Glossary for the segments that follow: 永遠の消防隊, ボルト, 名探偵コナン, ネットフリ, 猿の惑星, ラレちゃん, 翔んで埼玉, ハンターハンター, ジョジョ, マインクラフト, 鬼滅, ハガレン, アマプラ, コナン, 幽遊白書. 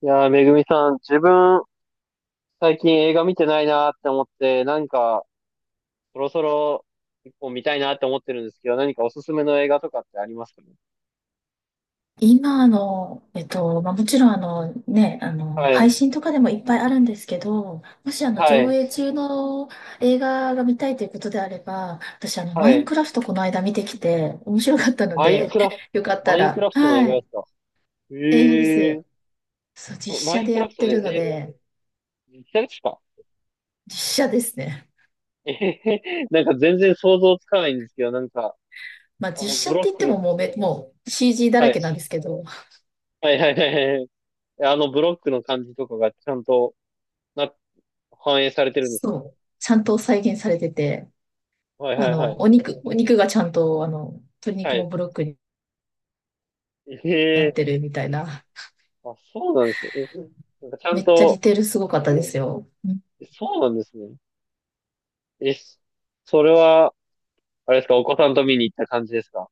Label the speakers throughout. Speaker 1: いやー、めぐみさん、自分、最近映画見てないなーって思って、何か、そろそろ、一本見たいなって思ってるんですけど、何かおすすめの映画とかってありますかね？
Speaker 2: 今の、もちろん
Speaker 1: は
Speaker 2: 配
Speaker 1: い、
Speaker 2: 信とかでもいっぱいあるんですけど、もし
Speaker 1: は
Speaker 2: 上
Speaker 1: い、
Speaker 2: 映中の映画が見たいということであれば、私
Speaker 1: は
Speaker 2: マイン
Speaker 1: い。
Speaker 2: クラフトこの間見てきて、面白かったの
Speaker 1: マイン
Speaker 2: で、
Speaker 1: クラフト、
Speaker 2: よかった
Speaker 1: マインク
Speaker 2: ら、
Speaker 1: ラフトの
Speaker 2: は
Speaker 1: 映画で
Speaker 2: い、
Speaker 1: すか？え
Speaker 2: 映画で
Speaker 1: ー、
Speaker 2: す。そう、実
Speaker 1: そう、マ
Speaker 2: 写
Speaker 1: イン
Speaker 2: で
Speaker 1: ク
Speaker 2: や
Speaker 1: ラフ
Speaker 2: っ
Speaker 1: ト
Speaker 2: て
Speaker 1: で、
Speaker 2: るので、
Speaker 1: 実際ですか？
Speaker 2: 実写ですね。
Speaker 1: えへへ なんか全然想像つかないんですけど、なんか、
Speaker 2: まあ、実写
Speaker 1: ブ
Speaker 2: って
Speaker 1: ロ
Speaker 2: 言
Speaker 1: ッ
Speaker 2: っ
Speaker 1: ク
Speaker 2: て
Speaker 1: の、
Speaker 2: ももうめ、もう CG だ
Speaker 1: は
Speaker 2: ら
Speaker 1: い、
Speaker 2: けなんですけど、
Speaker 1: はい、はい、はいはい、ブロックの感じとかがちゃんとな、反映されてるんですか？
Speaker 2: そう、ちゃんと再現されてて、
Speaker 1: はい、はい、
Speaker 2: お肉がちゃんと、鶏
Speaker 1: は
Speaker 2: 肉も
Speaker 1: い。
Speaker 2: ブロック
Speaker 1: え
Speaker 2: なっ
Speaker 1: ええ。
Speaker 2: てるみたいな。
Speaker 1: あ、そうなんですね。なんかちゃ
Speaker 2: め
Speaker 1: ん
Speaker 2: っちゃ
Speaker 1: と、
Speaker 2: 似てるすごかったですよ。うん、
Speaker 1: そうなんですね。え、それは、あれですか、お子さんと見に行った感じですか？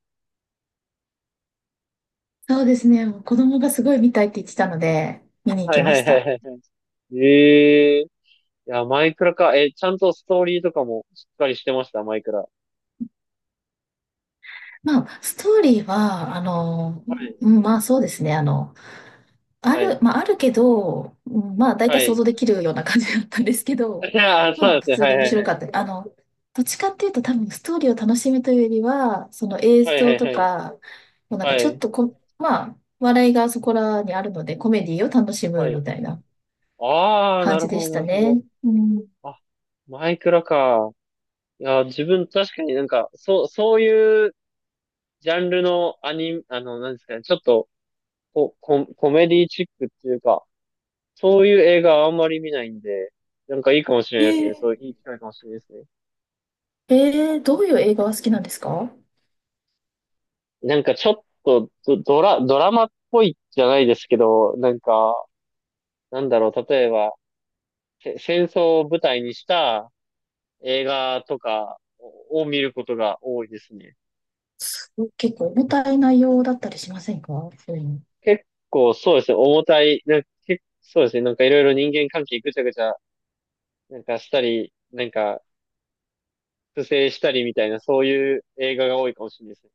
Speaker 2: そうですね。もう子供がすごい見たいって言ってたので、見に行
Speaker 1: は
Speaker 2: き
Speaker 1: い
Speaker 2: ま
Speaker 1: は
Speaker 2: し
Speaker 1: いはい
Speaker 2: た。
Speaker 1: はいはい。ええ、いや、マイクラか。ちゃんとストーリーとかもしっかりしてました、マイクラ。
Speaker 2: まあ、ストーリーは、
Speaker 1: はい、
Speaker 2: まあそうですね。あの、あ
Speaker 1: は
Speaker 2: る、
Speaker 1: い、
Speaker 2: まああるけど、まあ大
Speaker 1: は
Speaker 2: 体想
Speaker 1: い。
Speaker 2: 像できるような感じだったんですけど、
Speaker 1: いやー、そう
Speaker 2: ま
Speaker 1: な
Speaker 2: あ
Speaker 1: ん
Speaker 2: 普
Speaker 1: ですね。
Speaker 2: 通
Speaker 1: は
Speaker 2: に
Speaker 1: い
Speaker 2: 面
Speaker 1: はい
Speaker 2: 白
Speaker 1: はい。
Speaker 2: かった。どっちかっていうと多分ストーリーを楽しむというよりは、その映
Speaker 1: はいは
Speaker 2: 像
Speaker 1: い
Speaker 2: と
Speaker 1: はい。
Speaker 2: か、もうなんか
Speaker 1: は
Speaker 2: ちょっ
Speaker 1: い、
Speaker 2: とこ、まあ、笑いがそこらにあるので、コメディを楽し
Speaker 1: は
Speaker 2: む
Speaker 1: い。
Speaker 2: みたいな
Speaker 1: ああ、
Speaker 2: 感
Speaker 1: な
Speaker 2: じ
Speaker 1: る
Speaker 2: で
Speaker 1: ほ
Speaker 2: し
Speaker 1: ど、
Speaker 2: た
Speaker 1: なるほど。
Speaker 2: ね。うん。
Speaker 1: あ、マイクラか。いや、自分確かになんか、そう、そういうジャンルのアニ、あの、なんですかね、ちょっとコメディチックっていうか、そういう映画はあんまり見ないんで、なんかいいかもしれないですね。そうい
Speaker 2: え
Speaker 1: ういい機会かもしれないですね。
Speaker 2: どういう映画が好きなんですか？
Speaker 1: なんかちょっとドラマっぽいじゃないですけど、なんか、なんだろう、例えば、戦争を舞台にした映画とかを見ることが多いですね。
Speaker 2: すごい結構重たい内容だったりしませんか？そういうの。
Speaker 1: 結構そうですね、重たい、なんか結構そうですね、なんかいろいろ人間関係ぐちゃぐちゃ、なんかしたり、なんか不正したりみたいな、そういう映画が多いかもしれないですね。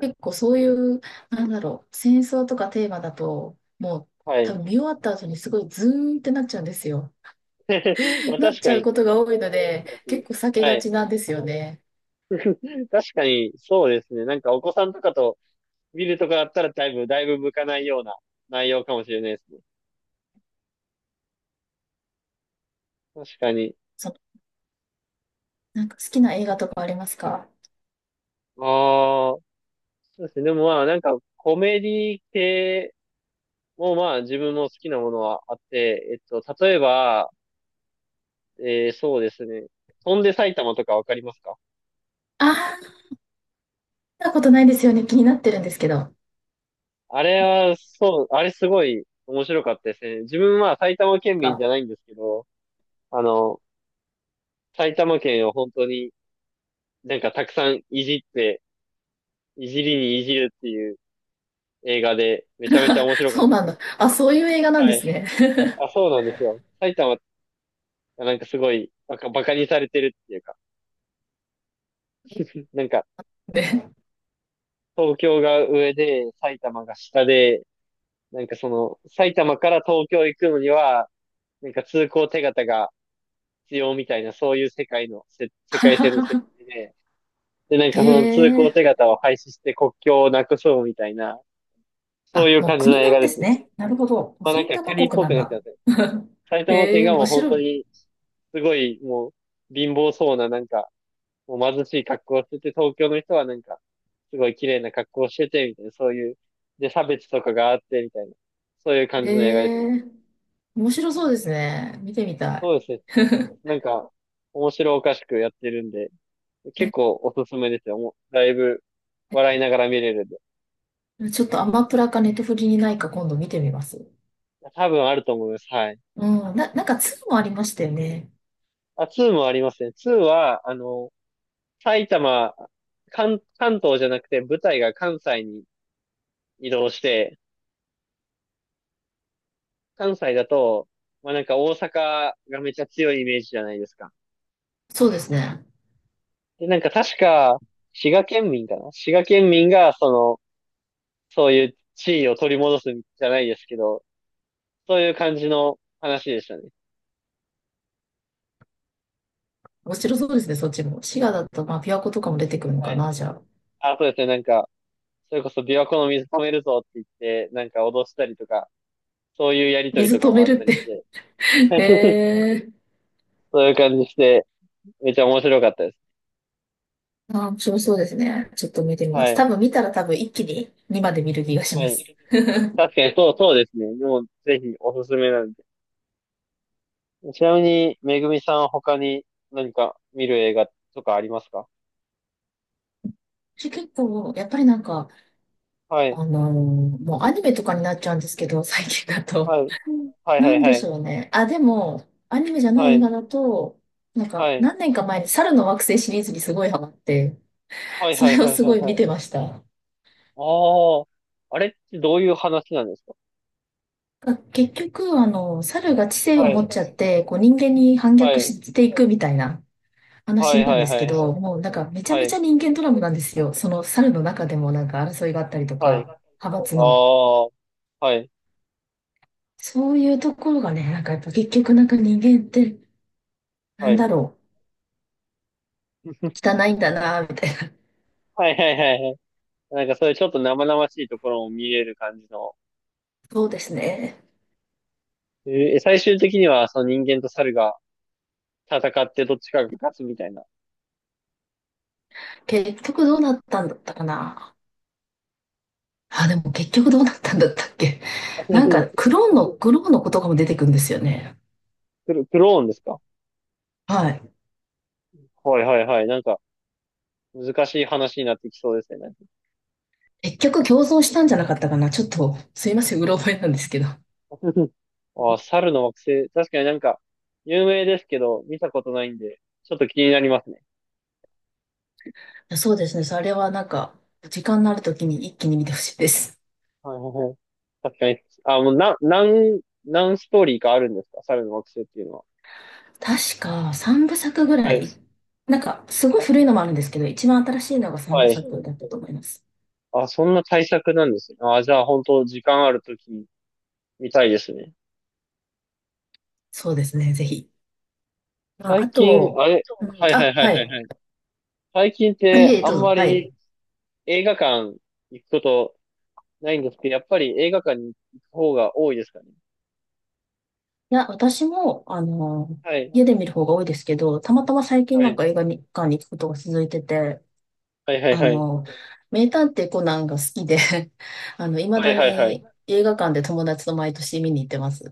Speaker 2: 結構そういう、なんだろう、戦争とかテーマだと、もう
Speaker 1: は
Speaker 2: 多
Speaker 1: い。
Speaker 2: 分見終わった後にすごいズーンってなっちゃうんですよ。
Speaker 1: まあ
Speaker 2: なっ
Speaker 1: 確
Speaker 2: ち
Speaker 1: か
Speaker 2: ゃう
Speaker 1: に、
Speaker 2: ことが多いので、
Speaker 1: そうですね。
Speaker 2: 結構避け
Speaker 1: は
Speaker 2: がち
Speaker 1: い。
Speaker 2: なんですよね。
Speaker 1: 確かに、そうですね。なんかお子さんとかと見るとかだったらだいぶ、だいぶ向かないような内容かもしれないですね。確かに。
Speaker 2: その、なんか好きな映画とかありますか？
Speaker 1: ああ、そうですね。でもまあなんかコメディ系もまあ自分の好きなものはあって、例えば、そうですね。翔んで埼玉とかわかりますか？
Speaker 2: ああー、見たことないですよね。気になってるんですけど。
Speaker 1: あれは、そう、あれすごい面白かったですね。自分は埼玉県民じ
Speaker 2: あ、
Speaker 1: ゃないんですけど、あの、埼玉県を本当になんかたくさんいじって、いじりにいじるっていう映画で、めちゃめちゃ面白かっ
Speaker 2: そう
Speaker 1: たで
Speaker 2: な
Speaker 1: す。
Speaker 2: んだ。あ、そういう映画なんで
Speaker 1: はい。
Speaker 2: すね。
Speaker 1: あ、そうなんですよ。埼玉がなんかすごいバカにされてるっていうか、なんか
Speaker 2: ね。
Speaker 1: 東京が上で埼玉が下で、なんかその埼玉から東京行くのには、なんか通行手形が必要みたいな、そういう世界線の設 定で、で、なん
Speaker 2: へ
Speaker 1: かその通行手
Speaker 2: え。
Speaker 1: 形を廃止して国境をなくそうみたいな、そう
Speaker 2: あ、
Speaker 1: いう
Speaker 2: もう
Speaker 1: 感じの
Speaker 2: 国
Speaker 1: 映
Speaker 2: な
Speaker 1: 画
Speaker 2: んで
Speaker 1: です
Speaker 2: す
Speaker 1: ね。
Speaker 2: ね。なるほど。
Speaker 1: まあなん
Speaker 2: 埼
Speaker 1: か
Speaker 2: 玉
Speaker 1: 国っ
Speaker 2: 国
Speaker 1: ぽ
Speaker 2: な
Speaker 1: く
Speaker 2: ん
Speaker 1: なって
Speaker 2: だ。
Speaker 1: ますね。埼玉
Speaker 2: へ
Speaker 1: 県
Speaker 2: え、
Speaker 1: が
Speaker 2: 面
Speaker 1: もう本
Speaker 2: 白
Speaker 1: 当
Speaker 2: い。
Speaker 1: に、すごいもう貧乏そうななんか、もう貧しい格好をしてて、東京の人はなんか、すごい綺麗な格好をしてて、みたいな、そういう、で、差別とかがあって、みたいな、そういう感
Speaker 2: へ
Speaker 1: じの映画ですね。
Speaker 2: え、面白そうですね。見てみたい。
Speaker 1: そうですね。なんか、面白おかしくやってるんで、結構おすすめですよ。もうだいぶ笑いながら見れるんで。
Speaker 2: ちょっとアマプラかネットフリにないか今度見てみます。
Speaker 1: 多分あると思います。はい。
Speaker 2: うん、なんかツーもありましたよね。
Speaker 1: あ、2もありますね。2は、埼玉、関東じゃなくて舞台が関西に移動して、関西だと、まあなんか大阪がめちゃ強いイメージじゃないですか。
Speaker 2: そうですね。
Speaker 1: で、なんか確か、滋賀県民かな滋賀県民が、そういう地位を取り戻すんじゃないですけど、そういう感じの話でしたね。
Speaker 2: 面白そうですね、そっちも。滋賀だと、まあ、琵琶湖とかも出てくるの
Speaker 1: は
Speaker 2: か
Speaker 1: い。
Speaker 2: な、じゃあ。
Speaker 1: あ、そうですね。なんか、それこそ琵琶湖の水止めるぞって言って、なんか脅したりとか、そういうやりとり
Speaker 2: 水
Speaker 1: とか
Speaker 2: 止
Speaker 1: も
Speaker 2: め
Speaker 1: あっ
Speaker 2: る
Speaker 1: た
Speaker 2: っ
Speaker 1: りし
Speaker 2: て。
Speaker 1: て、
Speaker 2: へえ。
Speaker 1: そういう感じして、めっちゃ面白かったです。
Speaker 2: あ、面白そうですね。ちょっと見てみま
Speaker 1: は
Speaker 2: す。多
Speaker 1: い。
Speaker 2: 分見たら多分一気に2まで見る気がし
Speaker 1: は
Speaker 2: ます。
Speaker 1: い。確かにそうですね。もうぜひおすすめなんで。ちなみに、めぐみさん他に何か見る映画とかありますか？
Speaker 2: 私結構、やっぱりなんか、
Speaker 1: はい。
Speaker 2: あのーもうアニメとかになっちゃうんですけど、最近だと。
Speaker 1: はい。はいは
Speaker 2: な
Speaker 1: い
Speaker 2: んで
Speaker 1: は
Speaker 2: し
Speaker 1: い。
Speaker 2: ょうね。あ、でも、アニメじゃな
Speaker 1: は
Speaker 2: い映画
Speaker 1: い。
Speaker 2: だと、なんか、
Speaker 1: はい。
Speaker 2: 何年か前に猿の惑星シリーズにすごいハマって、
Speaker 1: はい
Speaker 2: そ
Speaker 1: はい
Speaker 2: れを
Speaker 1: はい
Speaker 2: す
Speaker 1: は
Speaker 2: ご
Speaker 1: い
Speaker 2: い
Speaker 1: は
Speaker 2: 見
Speaker 1: い。
Speaker 2: てました。
Speaker 1: ああ、あれってどういう話なんですか？
Speaker 2: が結局、猿が知性
Speaker 1: は
Speaker 2: を持
Speaker 1: い。
Speaker 2: っちゃって、こう人間に反
Speaker 1: は
Speaker 2: 逆
Speaker 1: い。
Speaker 2: していくみたいな
Speaker 1: は
Speaker 2: 話
Speaker 1: い
Speaker 2: な
Speaker 1: は
Speaker 2: んで
Speaker 1: い
Speaker 2: す
Speaker 1: は
Speaker 2: け
Speaker 1: い。
Speaker 2: ど、もうなんかめちゃ
Speaker 1: は
Speaker 2: めち
Speaker 1: い。
Speaker 2: ゃ人間ドラマなんですよ。その猿の中でもなんか争いがあったりと
Speaker 1: はい。
Speaker 2: か、
Speaker 1: あ
Speaker 2: 派閥の。
Speaker 1: あ、はい。
Speaker 2: そういうところがね、なんかやっぱ結局なんか人間って、な
Speaker 1: は
Speaker 2: んだ
Speaker 1: い。
Speaker 2: ろ汚いんだな、みたいな。
Speaker 1: はいはいはいはい。なんかそういうちょっと生々しいところも見れる感じの。
Speaker 2: そうですね。
Speaker 1: えー最終的にはその人間と猿が戦ってどっちかが勝つみたいな。
Speaker 2: 結局どうなったんだったかな。あ、でも結局どうなったんだったっけ。なんか、クローンのことかも出てくるんですよね。
Speaker 1: クローンですか？
Speaker 2: はい。
Speaker 1: はいはいはい。なんか難しい話になってきそうですね。なんか
Speaker 2: 結局共存したんじゃなかったかな。ちょっと、すいません、うろ覚えなんですけど。
Speaker 1: あー猿の惑星。確かになんか有名ですけど、見たことないんで、ちょっと気になりますね。
Speaker 2: そうですね。それはなんか、時間のある時に一気に見てほしいです。
Speaker 1: はいはいはい。確かに。あ、もう何ストーリーかあるんですか猿の惑星っていうのは？
Speaker 2: 確か3部作ぐ
Speaker 1: は
Speaker 2: ら
Speaker 1: い。
Speaker 2: い。なんか、すごい
Speaker 1: あ、
Speaker 2: 古いのもあるんですけど、一番新しいのが3
Speaker 1: は
Speaker 2: 部
Speaker 1: い。
Speaker 2: 作だったと思います。
Speaker 1: あ、そんな対策なんですね。あ、じゃあ本当時間あるとき見たいですね。
Speaker 2: そうですね、ぜひ。まあ、
Speaker 1: 最
Speaker 2: あ
Speaker 1: 近、
Speaker 2: と、
Speaker 1: あれ、
Speaker 2: うん、
Speaker 1: はいはい
Speaker 2: あ、
Speaker 1: はい
Speaker 2: は
Speaker 1: はいは
Speaker 2: い。
Speaker 1: い。最近っ
Speaker 2: あ、い
Speaker 1: て
Speaker 2: え、
Speaker 1: あ
Speaker 2: どう
Speaker 1: ん
Speaker 2: ぞ。
Speaker 1: ま
Speaker 2: はい。
Speaker 1: り映画館行くことないんですけど、やっぱり映画館に行く方が多いですかね？
Speaker 2: いや、私も、
Speaker 1: はい。
Speaker 2: 家で見る方が多いですけど、たまたま最近
Speaker 1: は
Speaker 2: なん
Speaker 1: い。
Speaker 2: か映画館に行くことが続いてて、
Speaker 1: はいはい
Speaker 2: あ
Speaker 1: はい。
Speaker 2: の、名探偵コナンが好きで あの、未
Speaker 1: は
Speaker 2: だ
Speaker 1: いはいはい。
Speaker 2: に映画館で友達と毎年見に行ってます。い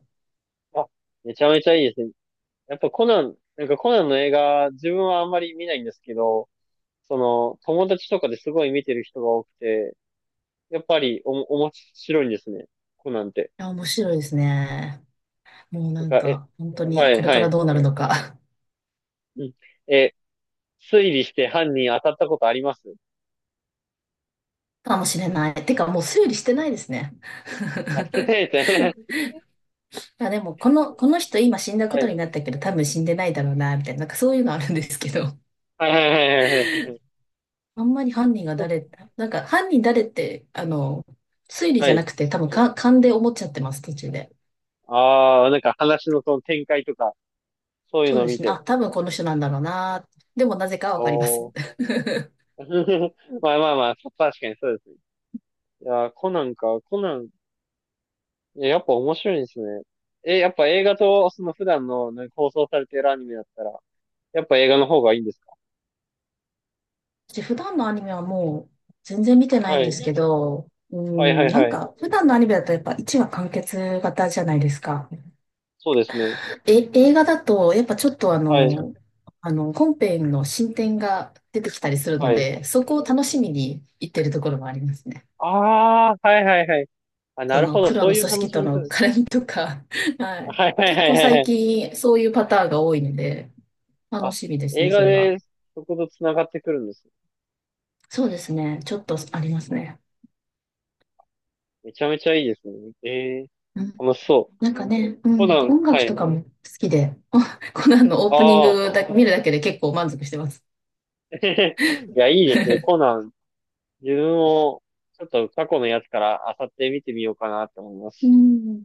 Speaker 1: あ、めちゃめちゃいいですね。やっぱコナン、なんかコナンの映画、自分はあんまり見ないんですけど、友達とかですごい見てる人が多くて、やっぱり面白いんですね。コナンって。
Speaker 2: や、面白いですね。もう
Speaker 1: なん
Speaker 2: なん
Speaker 1: か、
Speaker 2: か、本当
Speaker 1: は
Speaker 2: に
Speaker 1: い
Speaker 2: これ
Speaker 1: は
Speaker 2: から
Speaker 1: い。
Speaker 2: どうなるのか
Speaker 1: うん。え、推理して犯人当たったことあります
Speaker 2: かもしれない。てか、もう推理してないですね。
Speaker 1: あ、すいま せん。
Speaker 2: まあでも、この人今死んだこ
Speaker 1: は
Speaker 2: とに
Speaker 1: い。
Speaker 2: なったけど、多分死んでないだろうな、みたいな、なんかそういうのあるんですけど、
Speaker 1: はいはいはいはいはい。
Speaker 2: あんまり犯人が
Speaker 1: そう、
Speaker 2: 誰、なんか犯人誰って、推理
Speaker 1: は
Speaker 2: じゃな
Speaker 1: い。
Speaker 2: くて、多分か勘で思っちゃってます、途中で。
Speaker 1: ああ、なんか話のその展開とか、そういう
Speaker 2: そう
Speaker 1: のを
Speaker 2: で
Speaker 1: 見
Speaker 2: すね。あ、
Speaker 1: て。
Speaker 2: 多分この人なんだろうな。でもなぜかは
Speaker 1: お
Speaker 2: わかります。
Speaker 1: お。まあまあまあ、確かにそうですね。いやー、コナンか、コナン、いや、やっぱ面白いですね。やっぱ映画と、その普段の、ね、放送されてるアニメだったら、やっぱ映画の方がいいんですか？
Speaker 2: 私普段のアニメはもう全然見てない
Speaker 1: は
Speaker 2: んで
Speaker 1: い。
Speaker 2: すけど、う
Speaker 1: はいは
Speaker 2: ん、
Speaker 1: い
Speaker 2: なん
Speaker 1: はい。
Speaker 2: か普段のアニメだとやっぱ1話完結型じゃないですか。
Speaker 1: そうですね。
Speaker 2: え、映画だと、やっぱちょっとあ
Speaker 1: はい。
Speaker 2: の、あの、本編の進展が出てきたりする
Speaker 1: は
Speaker 2: の
Speaker 1: い。
Speaker 2: で、そこを楽しみに行ってるところもありますね。
Speaker 1: ああ、はいはいはい。あ、な
Speaker 2: そ
Speaker 1: る
Speaker 2: の
Speaker 1: ほど。
Speaker 2: 黒
Speaker 1: そう
Speaker 2: の
Speaker 1: いう
Speaker 2: 組
Speaker 1: 楽
Speaker 2: 織
Speaker 1: し
Speaker 2: と
Speaker 1: み方
Speaker 2: の
Speaker 1: です。
Speaker 2: 絡みとか、はい。
Speaker 1: はいはい
Speaker 2: 結
Speaker 1: はい
Speaker 2: 構
Speaker 1: はいは
Speaker 2: 最
Speaker 1: い。
Speaker 2: 近そういうパターンが多いので、楽
Speaker 1: あ、
Speaker 2: しみです
Speaker 1: 映
Speaker 2: ね、
Speaker 1: 画
Speaker 2: それは。
Speaker 1: でそこと繋がってくるんです
Speaker 2: そうですね、ちょっと
Speaker 1: ね。
Speaker 2: ありますね。
Speaker 1: めちゃめちゃいいですね。ええ、
Speaker 2: うん。
Speaker 1: 楽しそう。
Speaker 2: なんかね、う
Speaker 1: コ
Speaker 2: ん、
Speaker 1: ナン、
Speaker 2: 音
Speaker 1: は
Speaker 2: 楽
Speaker 1: い。
Speaker 2: とかも好きで、コナンのオー
Speaker 1: あ
Speaker 2: プニング
Speaker 1: あ。
Speaker 2: だ、見るだけで結構満足してます。
Speaker 1: いや、いいですね。コ ナン、自分も、ちょっと過去のやつからあさって見てみようかなと思いま
Speaker 2: う
Speaker 1: す。
Speaker 2: ん。